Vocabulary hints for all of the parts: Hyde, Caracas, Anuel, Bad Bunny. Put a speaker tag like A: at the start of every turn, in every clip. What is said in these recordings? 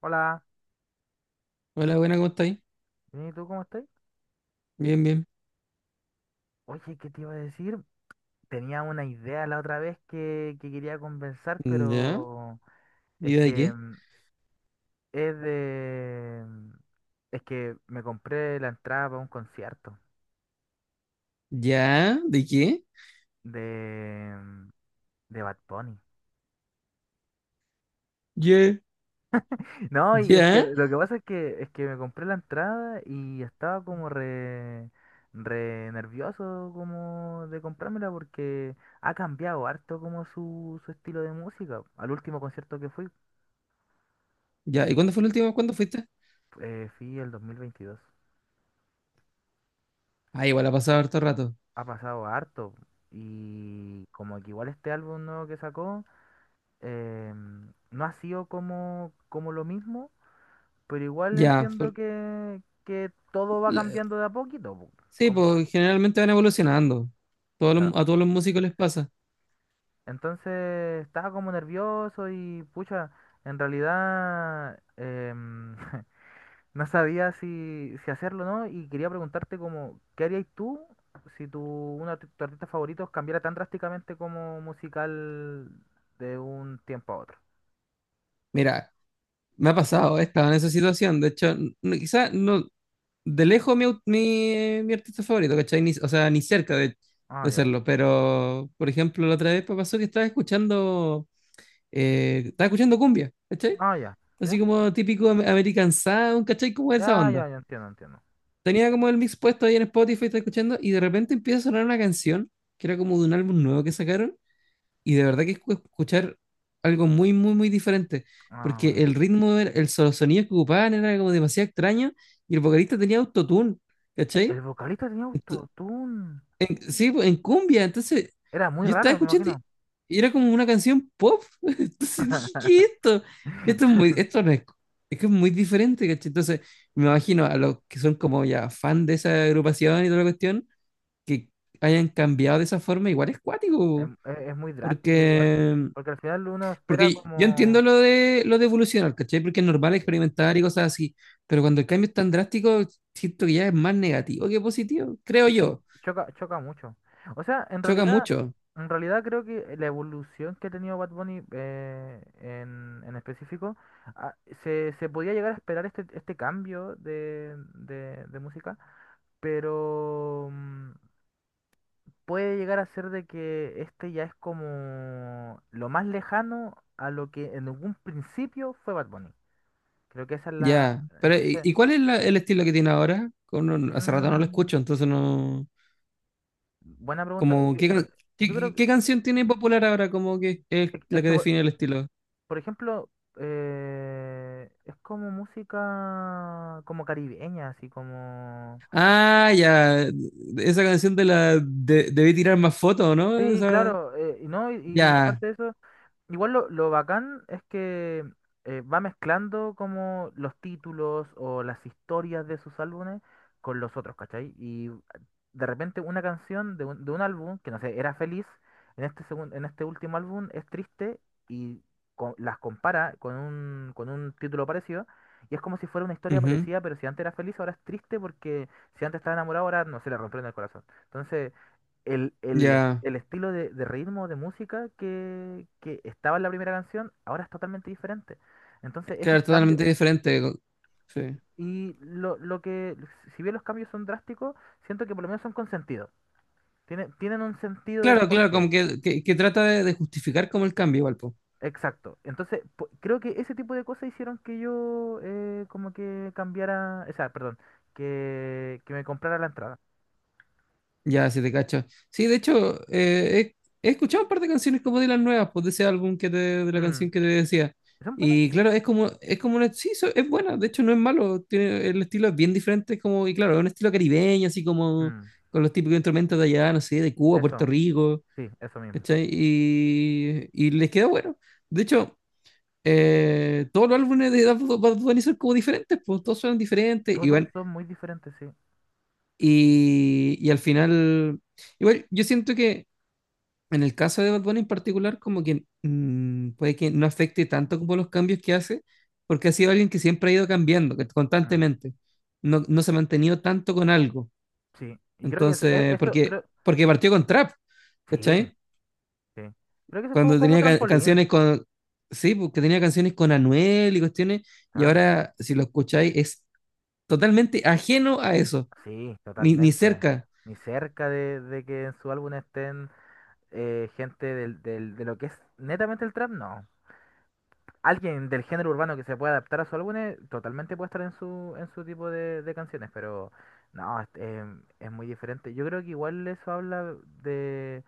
A: Hola,
B: Hola, buena, ¿cómo estáis?
A: bien, ¿y tú cómo estás?
B: Bien, bien.
A: Oye, ¿qué te iba a decir? Tenía una idea la otra vez que quería conversar,
B: ¿Ya?
A: pero
B: ¿Y
A: es
B: de
A: que
B: qué?
A: es de... es que me compré la entrada para un concierto
B: ¿Ya? ¿De qué?
A: de, de Bad Bunny.
B: ¿Ya?
A: No, y es que
B: ¿Ya?
A: lo que pasa es que me compré la entrada y estaba como re, re nervioso como de comprármela porque ha cambiado harto como su estilo de música. Al último concierto que fui
B: ¿Ya? ¿Y
A: y
B: cuándo fue la última? ¿Cuándo fuiste?
A: fui el 2022.
B: Ah, igual ha pasado harto rato.
A: Ha pasado harto y como que igual este álbum nuevo que sacó, no ha sido como lo mismo, pero igual
B: Ya.
A: entiendo que todo va
B: La-
A: cambiando de a poquito, po,
B: Sí,
A: como
B: pues generalmente van evolucionando.
A: claro.
B: A todos los músicos les pasa.
A: Entonces estaba como nervioso y pucha, en realidad no sabía si hacerlo o no y quería preguntarte como, ¿qué harías tú si tu, uno de tus artistas favoritos cambiara tan drásticamente como musical de un tiempo a otro?
B: Mira, me ha pasado, he estado en esa situación. De hecho, quizás no, de lejos mi artista favorito, ¿cachai? O sea, ni cerca
A: Ah,
B: de
A: ya.
B: serlo. Pero, por ejemplo, la otra vez me pasó que estaba escuchando cumbia, ¿cachai?
A: Ah, ya.
B: Así
A: ¿Ya?
B: como típico American Sound, ¿cachai? Como esa
A: Ya,
B: onda.
A: ya, ya entiendo, entiendo.
B: Tenía como el mix puesto ahí en Spotify, estaba escuchando, y de repente empieza a sonar una canción, que era como de un álbum nuevo que sacaron, y de verdad que es escuchar algo muy, muy, muy diferente, porque
A: Ah,
B: el ritmo, sonido que ocupaban era como demasiado extraño, y el vocalista tenía autotune,
A: el
B: ¿cachai?
A: vocalista tenía
B: Ento-
A: autotune.
B: sí, pues, en cumbia. Entonces,
A: Era muy
B: yo estaba
A: raro, me
B: escuchando y
A: imagino.
B: era como una canción pop. Entonces dije, ¿qué es esto? Esto es muy, esto no es, es que es muy diferente, ¿cachai? Entonces, me imagino a los que son como ya fan de esa agrupación y toda la cuestión, que hayan cambiado de esa forma, igual es cuático.
A: Es muy drástico igual,
B: Porque,
A: porque al final uno espera
B: porque yo
A: como...
B: entiendo lo de evolucionar, ¿cachai? Porque es normal
A: Sí.
B: experimentar y cosas así. Pero cuando el cambio es tan drástico, siento que ya es más negativo que positivo, creo
A: Sí,
B: yo.
A: choca, choca mucho. O sea,
B: Choca mucho.
A: en realidad creo que la evolución que ha tenido Bad Bunny en específico, ah, se, se podía llegar a esperar este, este cambio de música, pero puede llegar a ser de que este ya es como lo más lejano a lo que en algún principio fue Bad Bunny. Creo que esa es la...
B: Ya, pero ¿y
A: Entonces,
B: y cuál es el estilo que tiene ahora? Como hace rato no lo
A: mm,
B: escucho, entonces no...
A: buena pregunta.
B: Como,
A: Yo creo que...
B: ¿qué canción tiene popular ahora? Como que es
A: Es
B: la que
A: que,
B: define el estilo.
A: por ejemplo, es como música como caribeña, así como...
B: Ah, ya, esa canción de la... debí tirar más fotos, ¿no?
A: Sí,
B: Esa...
A: claro, y ¿no? Y
B: Ya,
A: aparte de eso, igual lo bacán es que va mezclando como los títulos o las historias de sus álbumes con los otros, ¿cachai? Y de repente una canción de un álbum, que no sé, era feliz, en este en este último álbum es triste y las compara con un título parecido y es como si fuera una historia
B: ujú,
A: parecida, pero si antes era feliz, ahora es triste porque si antes estaba enamorado, ahora no se le rompió el corazón. Entonces el, el-
B: ya.
A: el estilo de ritmo de música que estaba en la primera canción ahora es totalmente diferente. Entonces, esos
B: Claro,
A: cambios,
B: totalmente diferente. Sí.
A: y si bien los cambios son drásticos, siento que por lo menos son con sentido. Tienen, tienen un sentido del
B: Claro, claro,
A: porqué.
B: como que, que trata de justificar como el cambio igual, po.
A: Exacto. Entonces, creo que ese tipo de cosas hicieron que yo como que cambiara, o sea, perdón, que me comprara la entrada.
B: Ya, si te cacho. Sí, de hecho, he escuchado un par de canciones como de las nuevas, pues de ese álbum de la
A: Mm,
B: canción que te decía.
A: ¿son buenas?
B: Y claro, es como una, sí, es buena, de hecho no es malo, tiene, el estilo es bien diferente, es como, y claro, es un estilo caribeño, así como
A: Mm,
B: con los típicos instrumentos de allá, no sé, de Cuba,
A: eso,
B: Puerto Rico,
A: sí, eso mismo.
B: ¿cachai? Y les queda bueno. De hecho, todos los álbumes de Bad Bunny son como diferentes, pues todos suenan diferentes,
A: Todos
B: igual
A: son muy diferentes, sí.
B: y al final, igual, yo siento que en el caso de Bad Bunny en particular, como que puede que no afecte tanto como los cambios que hace, porque ha sido alguien que siempre ha ido cambiando que
A: Mm.
B: constantemente. No, no se ha mantenido tanto con algo.
A: Sí, y creo que eso,
B: Entonces,
A: eso
B: porque,
A: creo,
B: porque partió con trap,
A: sí,
B: ¿cachai?
A: sí. Creo que eso fue
B: Cuando
A: como
B: tenía ca-
A: trampolín.
B: canciones con, Sí, porque tenía canciones con Anuel y cuestiones, y
A: Claro.
B: ahora, si lo escucháis, es totalmente ajeno a eso,
A: Sí,
B: ni
A: totalmente.
B: cerca.
A: Ni cerca de que en su álbum estén gente de lo que es netamente el trap, no. Alguien del género urbano que se pueda adaptar a su álbum totalmente puede estar en su tipo de canciones, pero no, es, es muy diferente. Yo creo que igual eso habla de,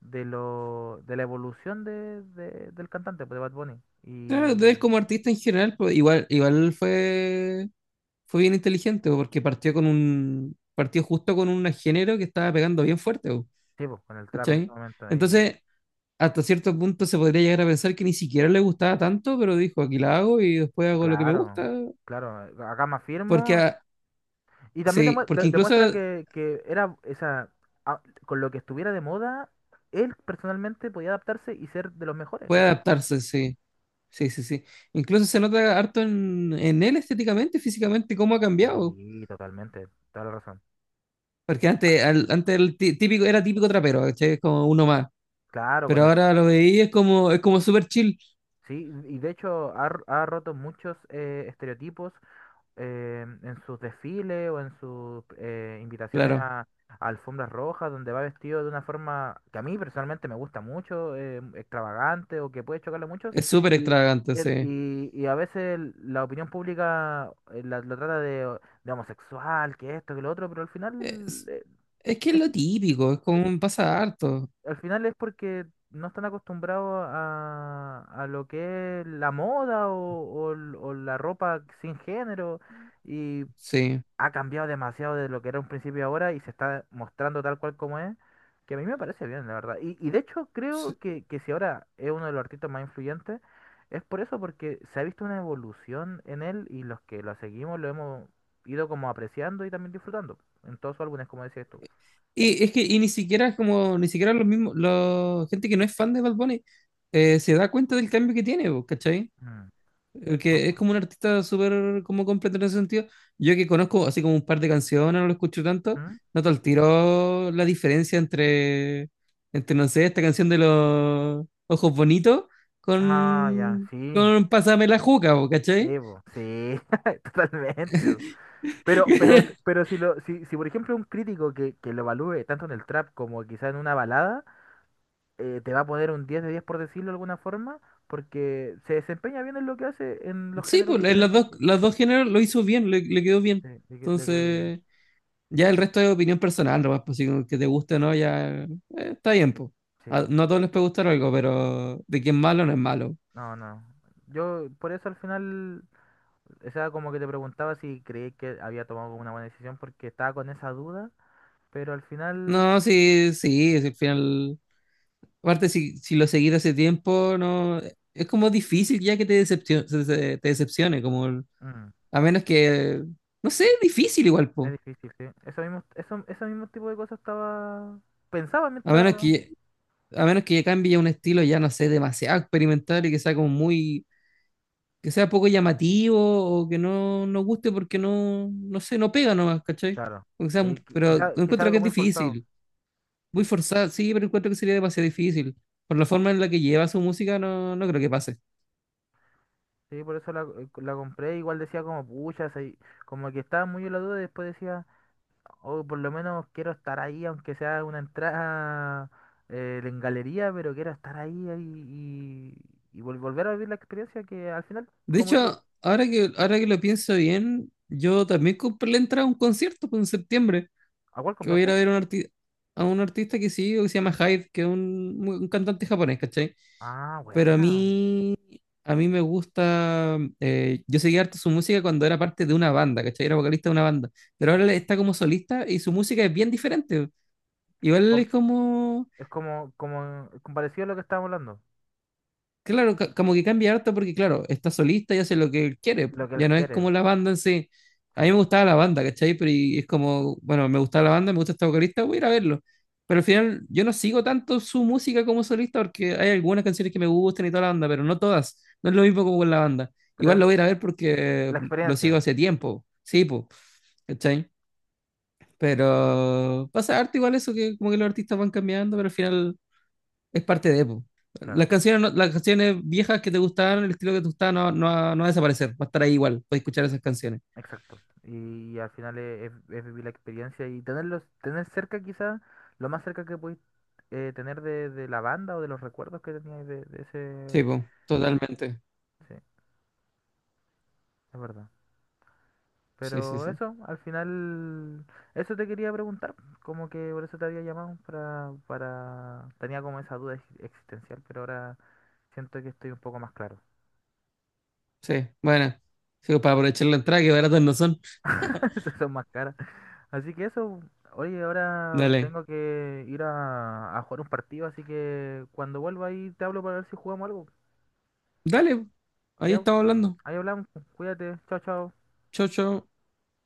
A: de lo, de la evolución del cantante, pues, de Bad Bunny.
B: Claro, de él como artista en general, pues, igual fue bien inteligente, bo, porque partió con un, partió justo con un género que estaba pegando bien fuerte, bo,
A: Sí, pues, con el trap en ese
B: ¿cachai?
A: momento ahí.
B: Entonces, hasta cierto punto se podría llegar a pensar que ni siquiera le gustaba tanto, pero dijo, aquí la hago y después hago lo que me
A: Claro,
B: gusta,
A: claro, acá más
B: porque,
A: firmo. Y también
B: sí, porque incluso
A: demuestra que era esa, a- con lo que estuviera de moda, él personalmente podía adaptarse y ser de los mejores.
B: puede
A: Entonces,
B: adaptarse, sí, sí, sí, sí. Incluso se nota harto en él estéticamente, físicamente, cómo ha cambiado.
A: sí, totalmente, toda la razón.
B: Porque antes, típico, era típico trapero, ¿cachai? Como uno más.
A: Claro, con
B: Pero
A: el,
B: ahora lo veí, es como súper chill,
A: sí, y de hecho ha, ha roto muchos estereotipos en sus desfiles o en sus invitaciones
B: claro.
A: a alfombras rojas, donde va vestido de una forma que a mí personalmente me gusta mucho, extravagante o que puede chocarle a muchos,
B: Es súper
A: y,
B: extravagante, sí.
A: y a veces la opinión pública lo trata de homosexual, que esto, que lo otro, pero al final,
B: Es, es que es
A: es,
B: lo típico, es como pasa harto.
A: al final es porque... no están acostumbrados a lo que es la moda o, o la ropa sin género. Y
B: Sí.
A: ha cambiado demasiado de lo que era un principio ahora y se está mostrando tal cual como es, que a mí me parece bien, la verdad. Y de hecho
B: Sí.
A: creo que si ahora es uno de los artistas más influyentes, es por eso, porque se ha visto una evolución en él y los que lo seguimos lo hemos ido como apreciando y también disfrutando en todos sus álbumes, como decías tú.
B: Y es que y ni siquiera es como, ni siquiera los mismos, la gente que no es fan de Bad Bunny se da cuenta del cambio que tiene, po, ¿cachai?
A: Mm, buen
B: Porque es como un
A: punto.
B: artista súper como completo en ese sentido. Yo que conozco así como un par de canciones, no lo escucho tanto,
A: ¿Mm?
B: noto al tiro la diferencia entre, entre, no sé, esta canción de los ojos bonitos
A: Ah, ya, sí.
B: con Pásame la juca, po, ¿cachai?
A: Sí, po, sí, totalmente. Po. Pero, pero si lo, si, si por ejemplo un crítico que lo evalúe tanto en el trap como quizá en una balada, te va a poner un 10 de 10 por decirlo de alguna forma, porque se desempeña bien en lo que hace en los
B: Sí,
A: géneros
B: pues en
A: diferentes que...
B: las dos géneros lo hizo bien, le quedó
A: Sí,
B: bien.
A: le, le quedó bien.
B: Entonces, ya el resto es opinión personal, nomás, pues si como que te guste o no, ya está bien, pues.
A: Sí,
B: No a todos les puede gustar algo, pero de que es malo.
A: no, no. Yo por eso al final, o sea, como que te preguntaba si creí que había tomado como una buena decisión porque estaba con esa duda, pero al final
B: No, sí, sí, si al final. Aparte, si, si lo seguís hace tiempo, no. Es como difícil ya que te decepcione,
A: mm,
B: a menos que. No sé, es difícil igual, pues.
A: es difícil, sí. Eso mismo, eso, ese mismo tipo de cosas estaba... Pensaba
B: A
A: mientras...
B: menos que. A menos que cambie un estilo ya, no sé, demasiado experimental y que sea como muy que sea poco llamativo o que no nos guste porque no, no sé, no pega nomás, ¿cachai?
A: Claro,
B: O que sea un-
A: que, quizás
B: Pero
A: quizá, quizá
B: encuentro que
A: algo
B: es
A: muy forzado.
B: difícil. Muy
A: Sí.
B: forzado, sí, pero encuentro que sería demasiado difícil. Por la forma en la que lleva su música, no, no creo que pase.
A: Sí, por eso la, la compré. Igual decía como, pucha, como que estaba muy en la duda. Y después decía, oh, por lo menos quiero estar ahí, aunque sea una entrada en galería, pero quiero estar ahí, ahí, y volver a vivir la experiencia que al final,
B: De
A: como tú,
B: hecho, ahora que lo pienso bien, yo también compré la entrada a un concierto pues, en septiembre,
A: ¿a cuál
B: que voy a ir
A: compraste?
B: a ver a a un artista que sigo que se llama Hyde, que es un cantante japonés, ¿cachai?
A: Ah,
B: Pero
A: bueno.
B: a mí me gusta, yo seguía harto su música cuando era parte de una banda, ¿cachai? Era vocalista de una banda, pero ahora él está como solista y su música es bien diferente. Igual
A: Com-
B: es como
A: es como, como, como parecido a lo que estábamos hablando,
B: claro, como que cambia harto porque, claro, está solista y hace lo que él quiere, po.
A: lo que él
B: Ya no es
A: quiere,
B: como la banda en sí. A
A: sí.
B: mí me gustaba la banda, ¿cachai? Pero es como, bueno, me gustaba la banda, me gusta esta vocalista, voy a ir a verlo. Pero al final yo no sigo tanto su música como solista porque hay algunas canciones que me gustan y toda la banda, pero no todas. No es lo mismo como con la banda. Igual
A: Pero
B: lo voy a ir a ver porque
A: la
B: lo sigo
A: experiencia,
B: hace tiempo. Sí, pues, ¿cachai? Pero pasa harto igual eso que como que los artistas van cambiando, pero al final es parte de Epo.
A: claro.
B: Las canciones, las canciones viejas que te gustaban, el estilo que te gustaba, no, no va a desaparecer, va a estar ahí igual, puedes escuchar esas canciones.
A: Exacto. Y, al final es, es vivir la experiencia y tenerlos, tener cerca quizás lo más cerca que podéis tener de la banda o de los recuerdos que teníais de
B: Sí,
A: ese...
B: po, totalmente.
A: Sí, es verdad.
B: Sí, sí,
A: Pero
B: sí.
A: eso, al final, eso te quería preguntar, como que por eso te había llamado, para... Tenía como esa duda existencial, pero ahora siento que estoy un poco más claro.
B: Sí, bueno. Sí, para aprovechar la entrada, que baratos no son.
A: Esas son más caras. Así que eso, oye, ahora
B: Dale,
A: tengo que ir a jugar un partido, así que cuando vuelva ahí te hablo para ver si jugamos algo.
B: dale, po. Ahí
A: Ya,
B: estamos hablando.
A: ahí hablamos. Pues, cuídate. Chao, chao.
B: Chao, chao.